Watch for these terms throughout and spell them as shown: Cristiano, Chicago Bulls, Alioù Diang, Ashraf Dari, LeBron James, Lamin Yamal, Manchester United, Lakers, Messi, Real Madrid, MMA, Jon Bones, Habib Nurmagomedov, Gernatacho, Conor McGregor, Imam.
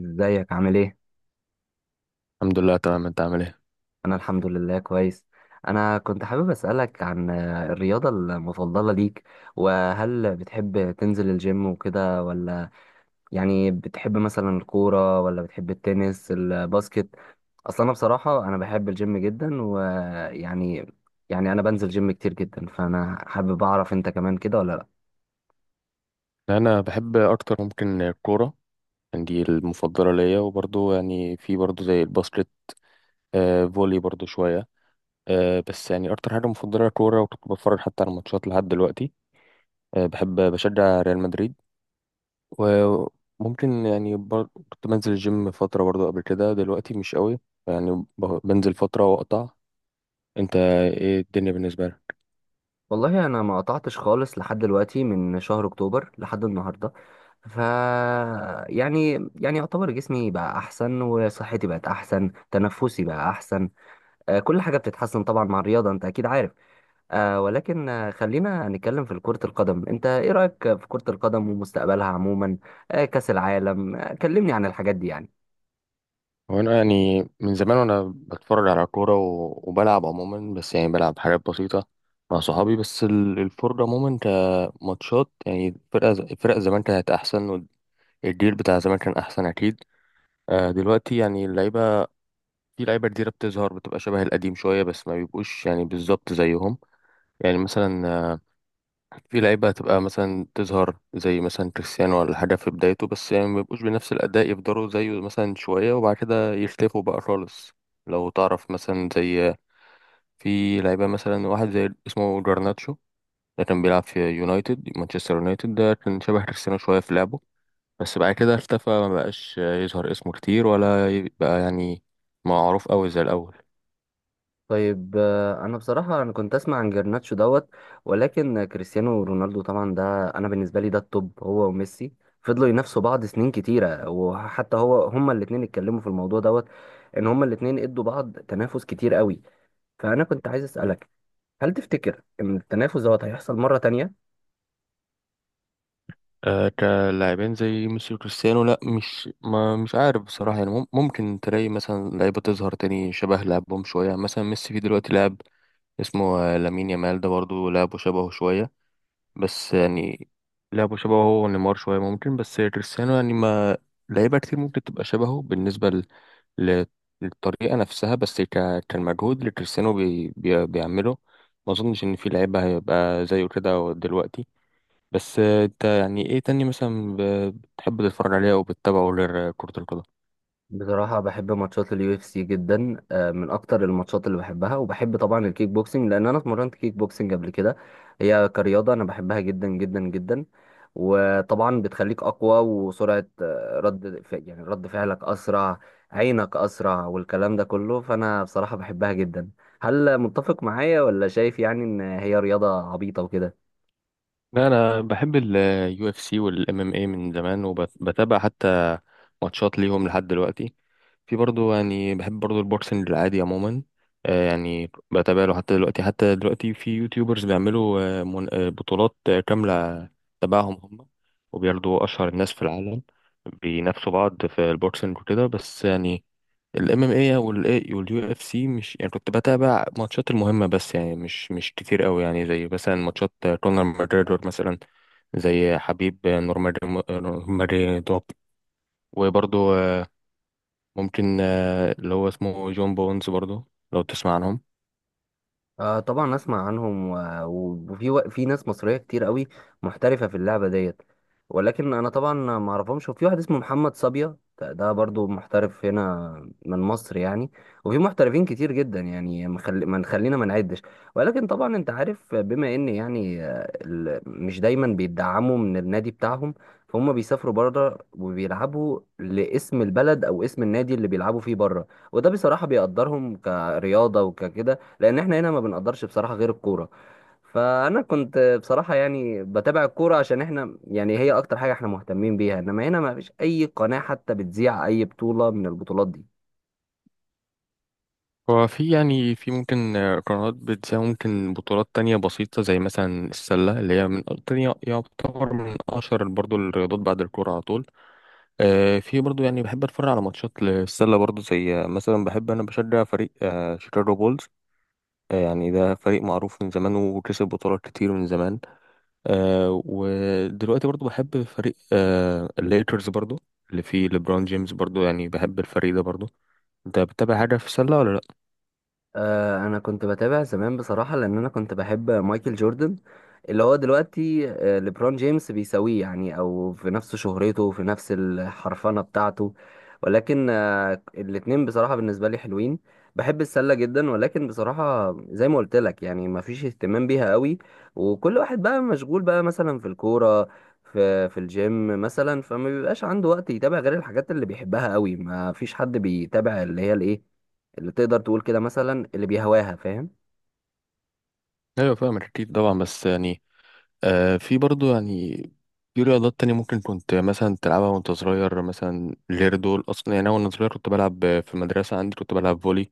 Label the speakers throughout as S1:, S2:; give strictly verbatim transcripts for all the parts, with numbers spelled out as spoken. S1: ازيك عامل ايه؟
S2: الحمد لله، تمام. انت عامل ايه؟
S1: انا الحمد لله كويس. انا كنت حابب اسألك عن آه، الرياضة المفضلة ليك، وهل بتحب تنزل الجيم وكده ولا يعني بتحب مثلا الكورة ولا بتحب التنس الباسكت؟ اصلا انا بصراحة انا بحب الجيم جدا ويعني، يعني انا بنزل جيم كتير جدا، فانا حابب اعرف انت كمان كده ولا لا.
S2: انا بحب اكتر، ممكن الكوره. يعني دي المفضله ليا، وبرضو يعني في برضو زي الباسكت. آه فولي برضو شويه. آه بس يعني اكتر حاجه مفضله الكوره، وكنت بتفرج حتى على الماتشات لحد دلوقتي. آه بحب بشجع ريال مدريد. وممكن يعني بر... كنت بنزل الجيم فتره برضو قبل كده، دلوقتي مش قوي. يعني ب- بنزل فتره واقطع. انت ايه الدنيا بالنسبه لك؟
S1: والله انا ما قطعتش خالص لحد دلوقتي من شهر اكتوبر لحد النهارده. ف يعني يعني يعتبر جسمي بقى احسن وصحتي بقت احسن تنفسي بقى احسن. آه، كل حاجه بتتحسن طبعا مع الرياضه، انت اكيد عارف. آه، ولكن آه، خلينا نتكلم في كره القدم. انت ايه رايك في كره القدم ومستقبلها عموما؟ آه، كاس العالم، آه، كلمني عن الحاجات دي يعني.
S2: هو انا يعني من زمان وانا بتفرج على كوره و- وبلعب عموما، بس يعني بلعب حاجات بسيطه مع صحابي. بس ال- الفرجه عموما كماتشات، يعني الفرقه ز- الفرق زمان كانت احسن، والجيل بتاع زمان كان احسن اكيد. آه، دلوقتي يعني اللعيبه، في لعيبه جديده بتظهر، بتبقى شبه القديم شويه، بس ما بيبقوش يعني بالظبط زيهم. يعني مثلا، في لعيبة هتبقى مثلا تظهر زي مثلا كريستيانو ولا حاجة في بدايته، بس يعني ما يبقوش بنفس الأداء، يفضلوا زيه مثلا شوية وبعد كده يختفوا بقى خالص. لو تعرف مثلا، زي في لعيبة مثلا واحد زي اسمه جرناتشو، ده كان بيلعب في يونايتد مانشستر يونايتد، ده كان شبه كريستيانو شوية في لعبه. بس بعد كده اختفى، ما بقاش يظهر اسمه كتير، ولا يبقى يعني معروف أوي زي الأول.
S1: طيب آه، انا بصراحه انا كنت اسمع عن جرناتشو دوت. ولكن كريستيانو رونالدو طبعا ده، انا بالنسبه لي ده التوب هو وميسي. فضلوا ينافسوا بعض سنين كتيره، وحتى هو هما الاثنين اتكلموا في الموضوع دوت، ان هما الاثنين ادوا بعض تنافس كتير قوي. فانا كنت عايز اسالك، هل تفتكر ان التنافس دوت هيحصل مره تانية؟
S2: آه، كلاعبين زي ميسي وكريستيانو، لا مش ما مش عارف بصراحة. يعني مم- ممكن تلاقي مثلا لعيبة تظهر تاني شبه لعبهم شوية. يعني مثلا ميسي في دلوقتي لاعب اسمه آه، لامين يامال، ده برضه لعبه شبهه شوية. بس يعني لعبه شبهه هو ونيمار شوية ممكن. بس كريستيانو يعني ما لعيبة كتير ممكن تبقى شبهه بالنسبة ل... ل- للطريقة نفسها، بس ك... كالمجهود اللي كريستيانو بي... بي... بيعمله، ما أظنش إن في لعيبة هيبقى زيه كده دلوقتي. بس آه، انت يعني ايه تاني مثلا ب- بتحب تتفرج عليه او بتتابعه غير كرة القدم؟
S1: بصراحة بحب ماتشات اليو اف سي جدا. آه، من أكتر الماتشات اللي بحبها، وبحب طبعا الكيك بوكسنج لأن أنا اتمرنت كيك بوكسنج قبل كده. هي كرياضة أنا بحبها جدا جدا جدا، وطبعا بتخليك أقوى، وسرعة آه، رد ف- يعني رد فعلك أسرع، عينك أسرع، والكلام ده كله. فأنا بصراحة بحبها جدا. هل متفق معايا ولا شايف يعني إن هي رياضة عبيطة وكده؟
S2: لا، انا بحب اليو اف سي والام ام اي من زمان، وبتابع حتى ماتشات ليهم لحد دلوقتي. في برضو يعني بحب برضو البوكسنج العادي عموما. آه، يعني بتابع له حتى دلوقتي حتى دلوقتي. في يوتيوبرز بيعملوا آه، من- آه، بطولات آه، كاملة تبعهم هم، وبياخدوا اشهر الناس في العالم بينافسوا بعض في البوكسنج وكده. بس يعني الام ام اي والاي واليو اف سي، مش يعني كنت بتابع ماتشات المهمه، بس يعني مش مش كتير قوي. يعني زي مثلا ماتشات كونر ماجريدور مثلا، زي حبيب نورماري، ماريدوب، وبرضه ممكن آه، اللي هو اسمه جون بونز برضه، لو تسمع عنهم.
S1: آه طبعا اسمع عنهم و- و- وفي و... في ناس مصريه كتير قوي محترفه في اللعبه ديت. ولكن انا طبعا ما اعرفهمش. وفي واحد اسمه محمد صبيا، ده ده برضو محترف هنا من مصر يعني. وفي محترفين كتير جدا يعني ما خل- ما نخلينا ما نعدش. ولكن طبعا انت عارف بما ان يعني آه، ال- مش دايما بيدعموا من النادي بتاعهم، فهم بيسافروا بره وبيلعبوا لاسم البلد او اسم النادي اللي بيلعبوا فيه بره. وده بصراحه بيقدرهم كرياضه وككده، لان احنا هنا ما بنقدرش بصراحه غير الكوره. فانا كنت بصراحه يعني بتابع الكوره عشان احنا، يعني هي اكتر حاجه احنا مهتمين بيها. انما هنا ما فيش اي قناه حتى بتذيع اي بطوله من البطولات دي.
S2: هو في يعني في ممكن آه، قنوات بتساوي ممكن بطولات تانية بسيطة زي مثلا السلة، اللي هي من تانية يعتبر من أشهر برضه الرياضات بعد الكورة على طول. آه، في برضو يعني بحب اتفرج على ماتشات للسله برضو، زي آه، مثلا بحب انا بشجع فريق آه، شيكاغو بولز. آه، يعني ده فريق معروف من زمان وكسب بطولات كتير من زمان. آه، ودلوقتي برضو بحب فريق آه، الليكرز برضو، اللي فيه ليبرون جيمس. برضو يعني بحب الفريق ده برضو. انت بتتابع حاجه في السله ولا لا؟
S1: آه، انا كنت بتابع زمان بصراحه لان انا كنت بحب مايكل جوردن. اللي هو دلوقتي آه، ليبرون جيمس بيساويه يعني، او في نفس شهرته في نفس الحرفنه بتاعته. ولكن آه، الاتنين بصراحه بالنسبه لي حلوين. بحب السله جدا، ولكن بصراحه زي ما قلت لك يعني ما فيش اهتمام بيها قوي. وكل واحد بقى مشغول بقى مثلا في الكوره، في في الجيم مثلا، فما بيبقاش عنده وقت يتابع غير الحاجات اللي بيحبها قوي. ما فيش حد بيتابع اللي هي الايه، اللي تقدر تقول كده مثلا اللي بيهواها، فاهم.
S2: ايوه فاهم اكيد طبعا. بس يعني آه، في برضو يعني في رياضات تانية ممكن كنت مثلا تلعبها وانت صغير مثلا غير دول. أصلا يعني أنا وأنا صغير كنت بلعب في المدرسة عندي، كنت بلعب فولي.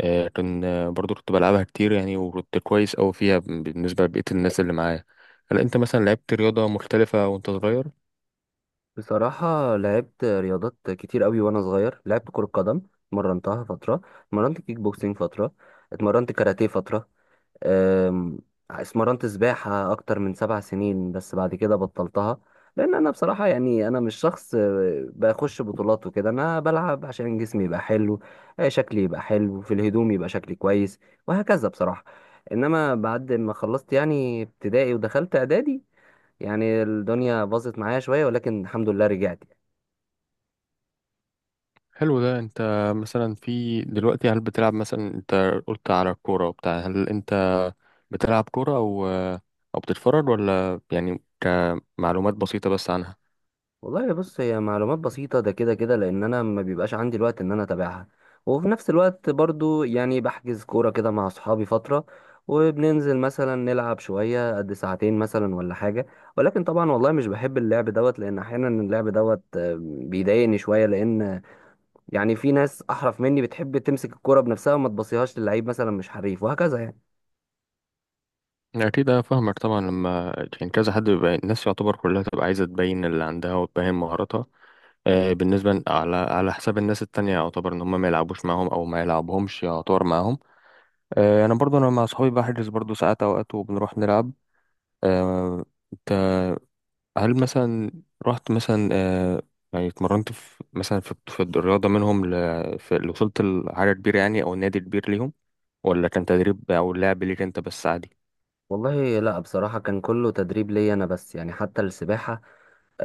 S2: آه، كان آه، برضو كنت بلعبها كتير يعني، وكنت كويس أوي فيها ب- بالنسبة لبقية الناس اللي معايا. هل أنت مثلا لعبت رياضة مختلفة وأنت صغير؟
S1: بصراحة لعبت رياضات كتير قوي وانا صغير. لعبت كرة قدم، اتمرنتها فترة، اتمرنت كيك بوكسينج فترة، اتمرنت كاراتيه فترة، أم، اتمرنت سباحة اكتر من سبع سنين بس بعد كده بطلتها. لان انا بصراحة يعني انا مش شخص أه، بخش بطولات وكده. انا بلعب عشان جسمي يبقى حلو، أه، شكلي يبقى حلو في الهدوم يبقى شكلي كويس وهكذا بصراحة. انما بعد ما خلصت يعني ابتدائي ودخلت اعدادي، يعني الدنيا باظت معايا شويه، ولكن الحمد لله رجعت يعني.
S2: حلو. ده أنت مثلا في دلوقتي هل بتلعب مثلا، أنت قلت على الكورة وبتاع، هل أنت بتلعب كورة أو آه، أو بتتفرج، ولا يعني كمعلومات بسيطة بس عنها؟
S1: والله بص هي معلومات بسيطه ده كده كده، لان انا ما بيبقاش عندي الوقت ان انا اتابعها. وفي نفس الوقت برضو يعني بحجز كوره كده مع اصحابي فتره، وبننزل مثلا نلعب شويه قد ساعتين مثلا ولا حاجه. ولكن طبعا والله مش بحب اللعب دوت، لان احيانا اللعب دوت آه، بيضايقني شويه. لان يعني في ناس احرف مني بتحب تمسك الكوره بنفسها وما تبصيهاش للعيب مثلا مش حريف وهكذا يعني.
S2: أكيد أنا فاهمك طبعا، لما يعني كذا حد بيبقى، الناس يعتبر كلها تبقى عايزة تبين اللي عندها وتبين مهاراتها. آه، بالنسبة ل- على على حساب الناس التانية، يعتبر إن هم ما يلعبوش معاهم أو ما يلعبهمش يعتبر معاهم. آه، أنا برضو أنا مع صحابي بحجز برضو ساعات أوقات، وبنروح نلعب. آه، أنت، هل مثلا رحت مثلا آه، يعني اتمرنت في مثلا في في الرياضة منهم، ل... في... وصلت لحاجة كبيرة، يعني أو نادي كبير ليهم، ولا كان تدريب أو لعب ليك أنت بس عادي؟
S1: والله لا بصراحة كان كله تدريب ليا أنا بس، يعني حتى السباحة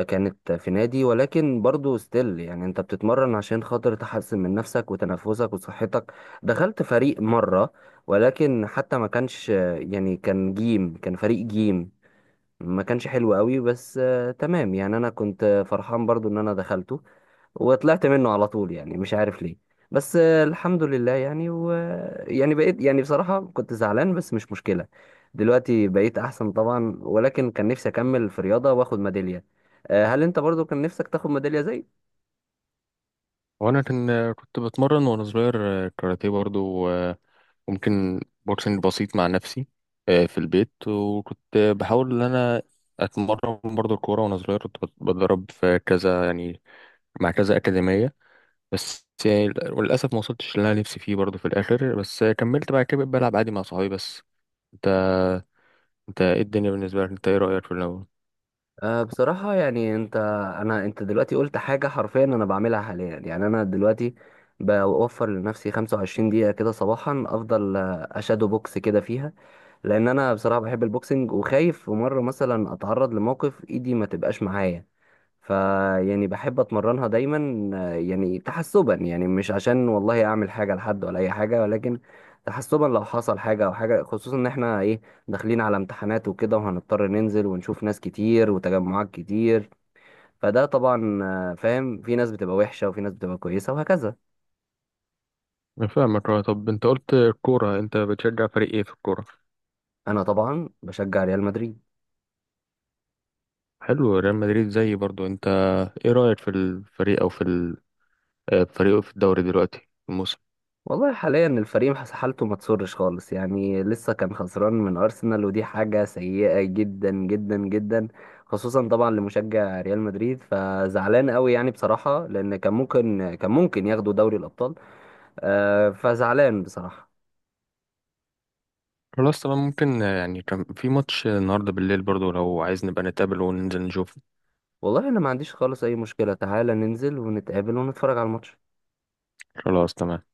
S1: كانت في نادي، ولكن برضو ستيل يعني أنت بتتمرن عشان خاطر تحسن من نفسك وتنفسك وصحتك. دخلت فريق مرة ولكن حتى ما كانش، يعني كان جيم كان فريق جيم. ما كانش حلو قوي بس آه، تمام يعني. أنا كنت فرحان برضو إن أنا دخلته، وطلعت منه على طول يعني مش عارف ليه. بس آه، الحمد لله يعني، و يعني بقيت يعني بصراحة كنت زعلان بس مش مشكلة. دلوقتي بقيت أحسن طبعا. ولكن كان نفسي أكمل في رياضة وآخد ميدالية. آه، هل أنت برضو كان نفسك تاخد ميدالية زي...
S2: وانا كان كنت بتمرن وانا صغير، آه، كاراتيه برضو، آه، وممكن بوكسنج بسيط مع نفسي آه، في البيت. وكنت بحاول ان انا اتمرن برضو الكوره، وانا صغير كنت بت- بتدرب في كذا يعني، مع كذا اكاديميه. بس يعني للاسف ما وصلتش اللي انا نفسي فيه برضو في الاخر، بس كملت بعد كده بقيت بلعب عادي مع صحابي بس. انت انت ايه الدنيا بالنسبه لك؟ انت ايه رايك في الاول؟
S1: أه بصراحة يعني انت انا انت دلوقتي قلت حاجة حرفيا انا بعملها حاليا. يعني انا دلوقتي بوفر لنفسي خمسة وعشرين دقيقة كده صباحا، افضل آه، اشادو بوكس كده فيها، لان انا بصراحة بحب البوكسنج وخايف في مرة مثلا اتعرض لموقف ايدي ما تبقاش معايا. فيعني بحب اتمرنها دايما، آه، يعني تحسبا، يعني مش عشان والله اعمل حاجه لحد ولا اي حاجه، ولكن تحسبا لو حصل حاجه او حاجه، خصوصا ان احنا ايه داخلين على امتحانات وكده، وهنضطر ننزل ونشوف ناس كتير وتجمعات كتير. فده طبعا آه، فاهم، في ناس بتبقى وحشه وفي ناس بتبقى كويسه وهكذا.
S2: أنا فاهمك. آه، طب انت قلت الكوره، انت بتشجع فريق ايه في الكوره؟
S1: انا طبعا بشجع ريال مدريد.
S2: حلو، ريال مدريد زيي برضو انت. ايه رأيك في الفريق، او في ال- آه، فريقه في الدوري دلوقتي الموسم؟
S1: والله حاليا الفريق حس- حالته ما تسرش خالص يعني. لسه كان خسران من ارسنال ودي حاجه سيئه جدا جدا جدا، خصوصا طبعا لمشجع ريال مدريد. فزعلان قوي يعني بصراحه، لان كان ممكن كان ممكن ياخدوا دوري الابطال. آه، فزعلان بصراحه.
S2: خلاص تمام. ممكن آه، يعني كان في ماتش النهارده بالليل برضو، لو عايز نبقى نتقابل وننزل نشوف.
S1: والله انا ما عنديش خالص اي مشكله، تعالى ننزل ونتقابل ونتفرج على الماتش.
S2: خلاص تمام.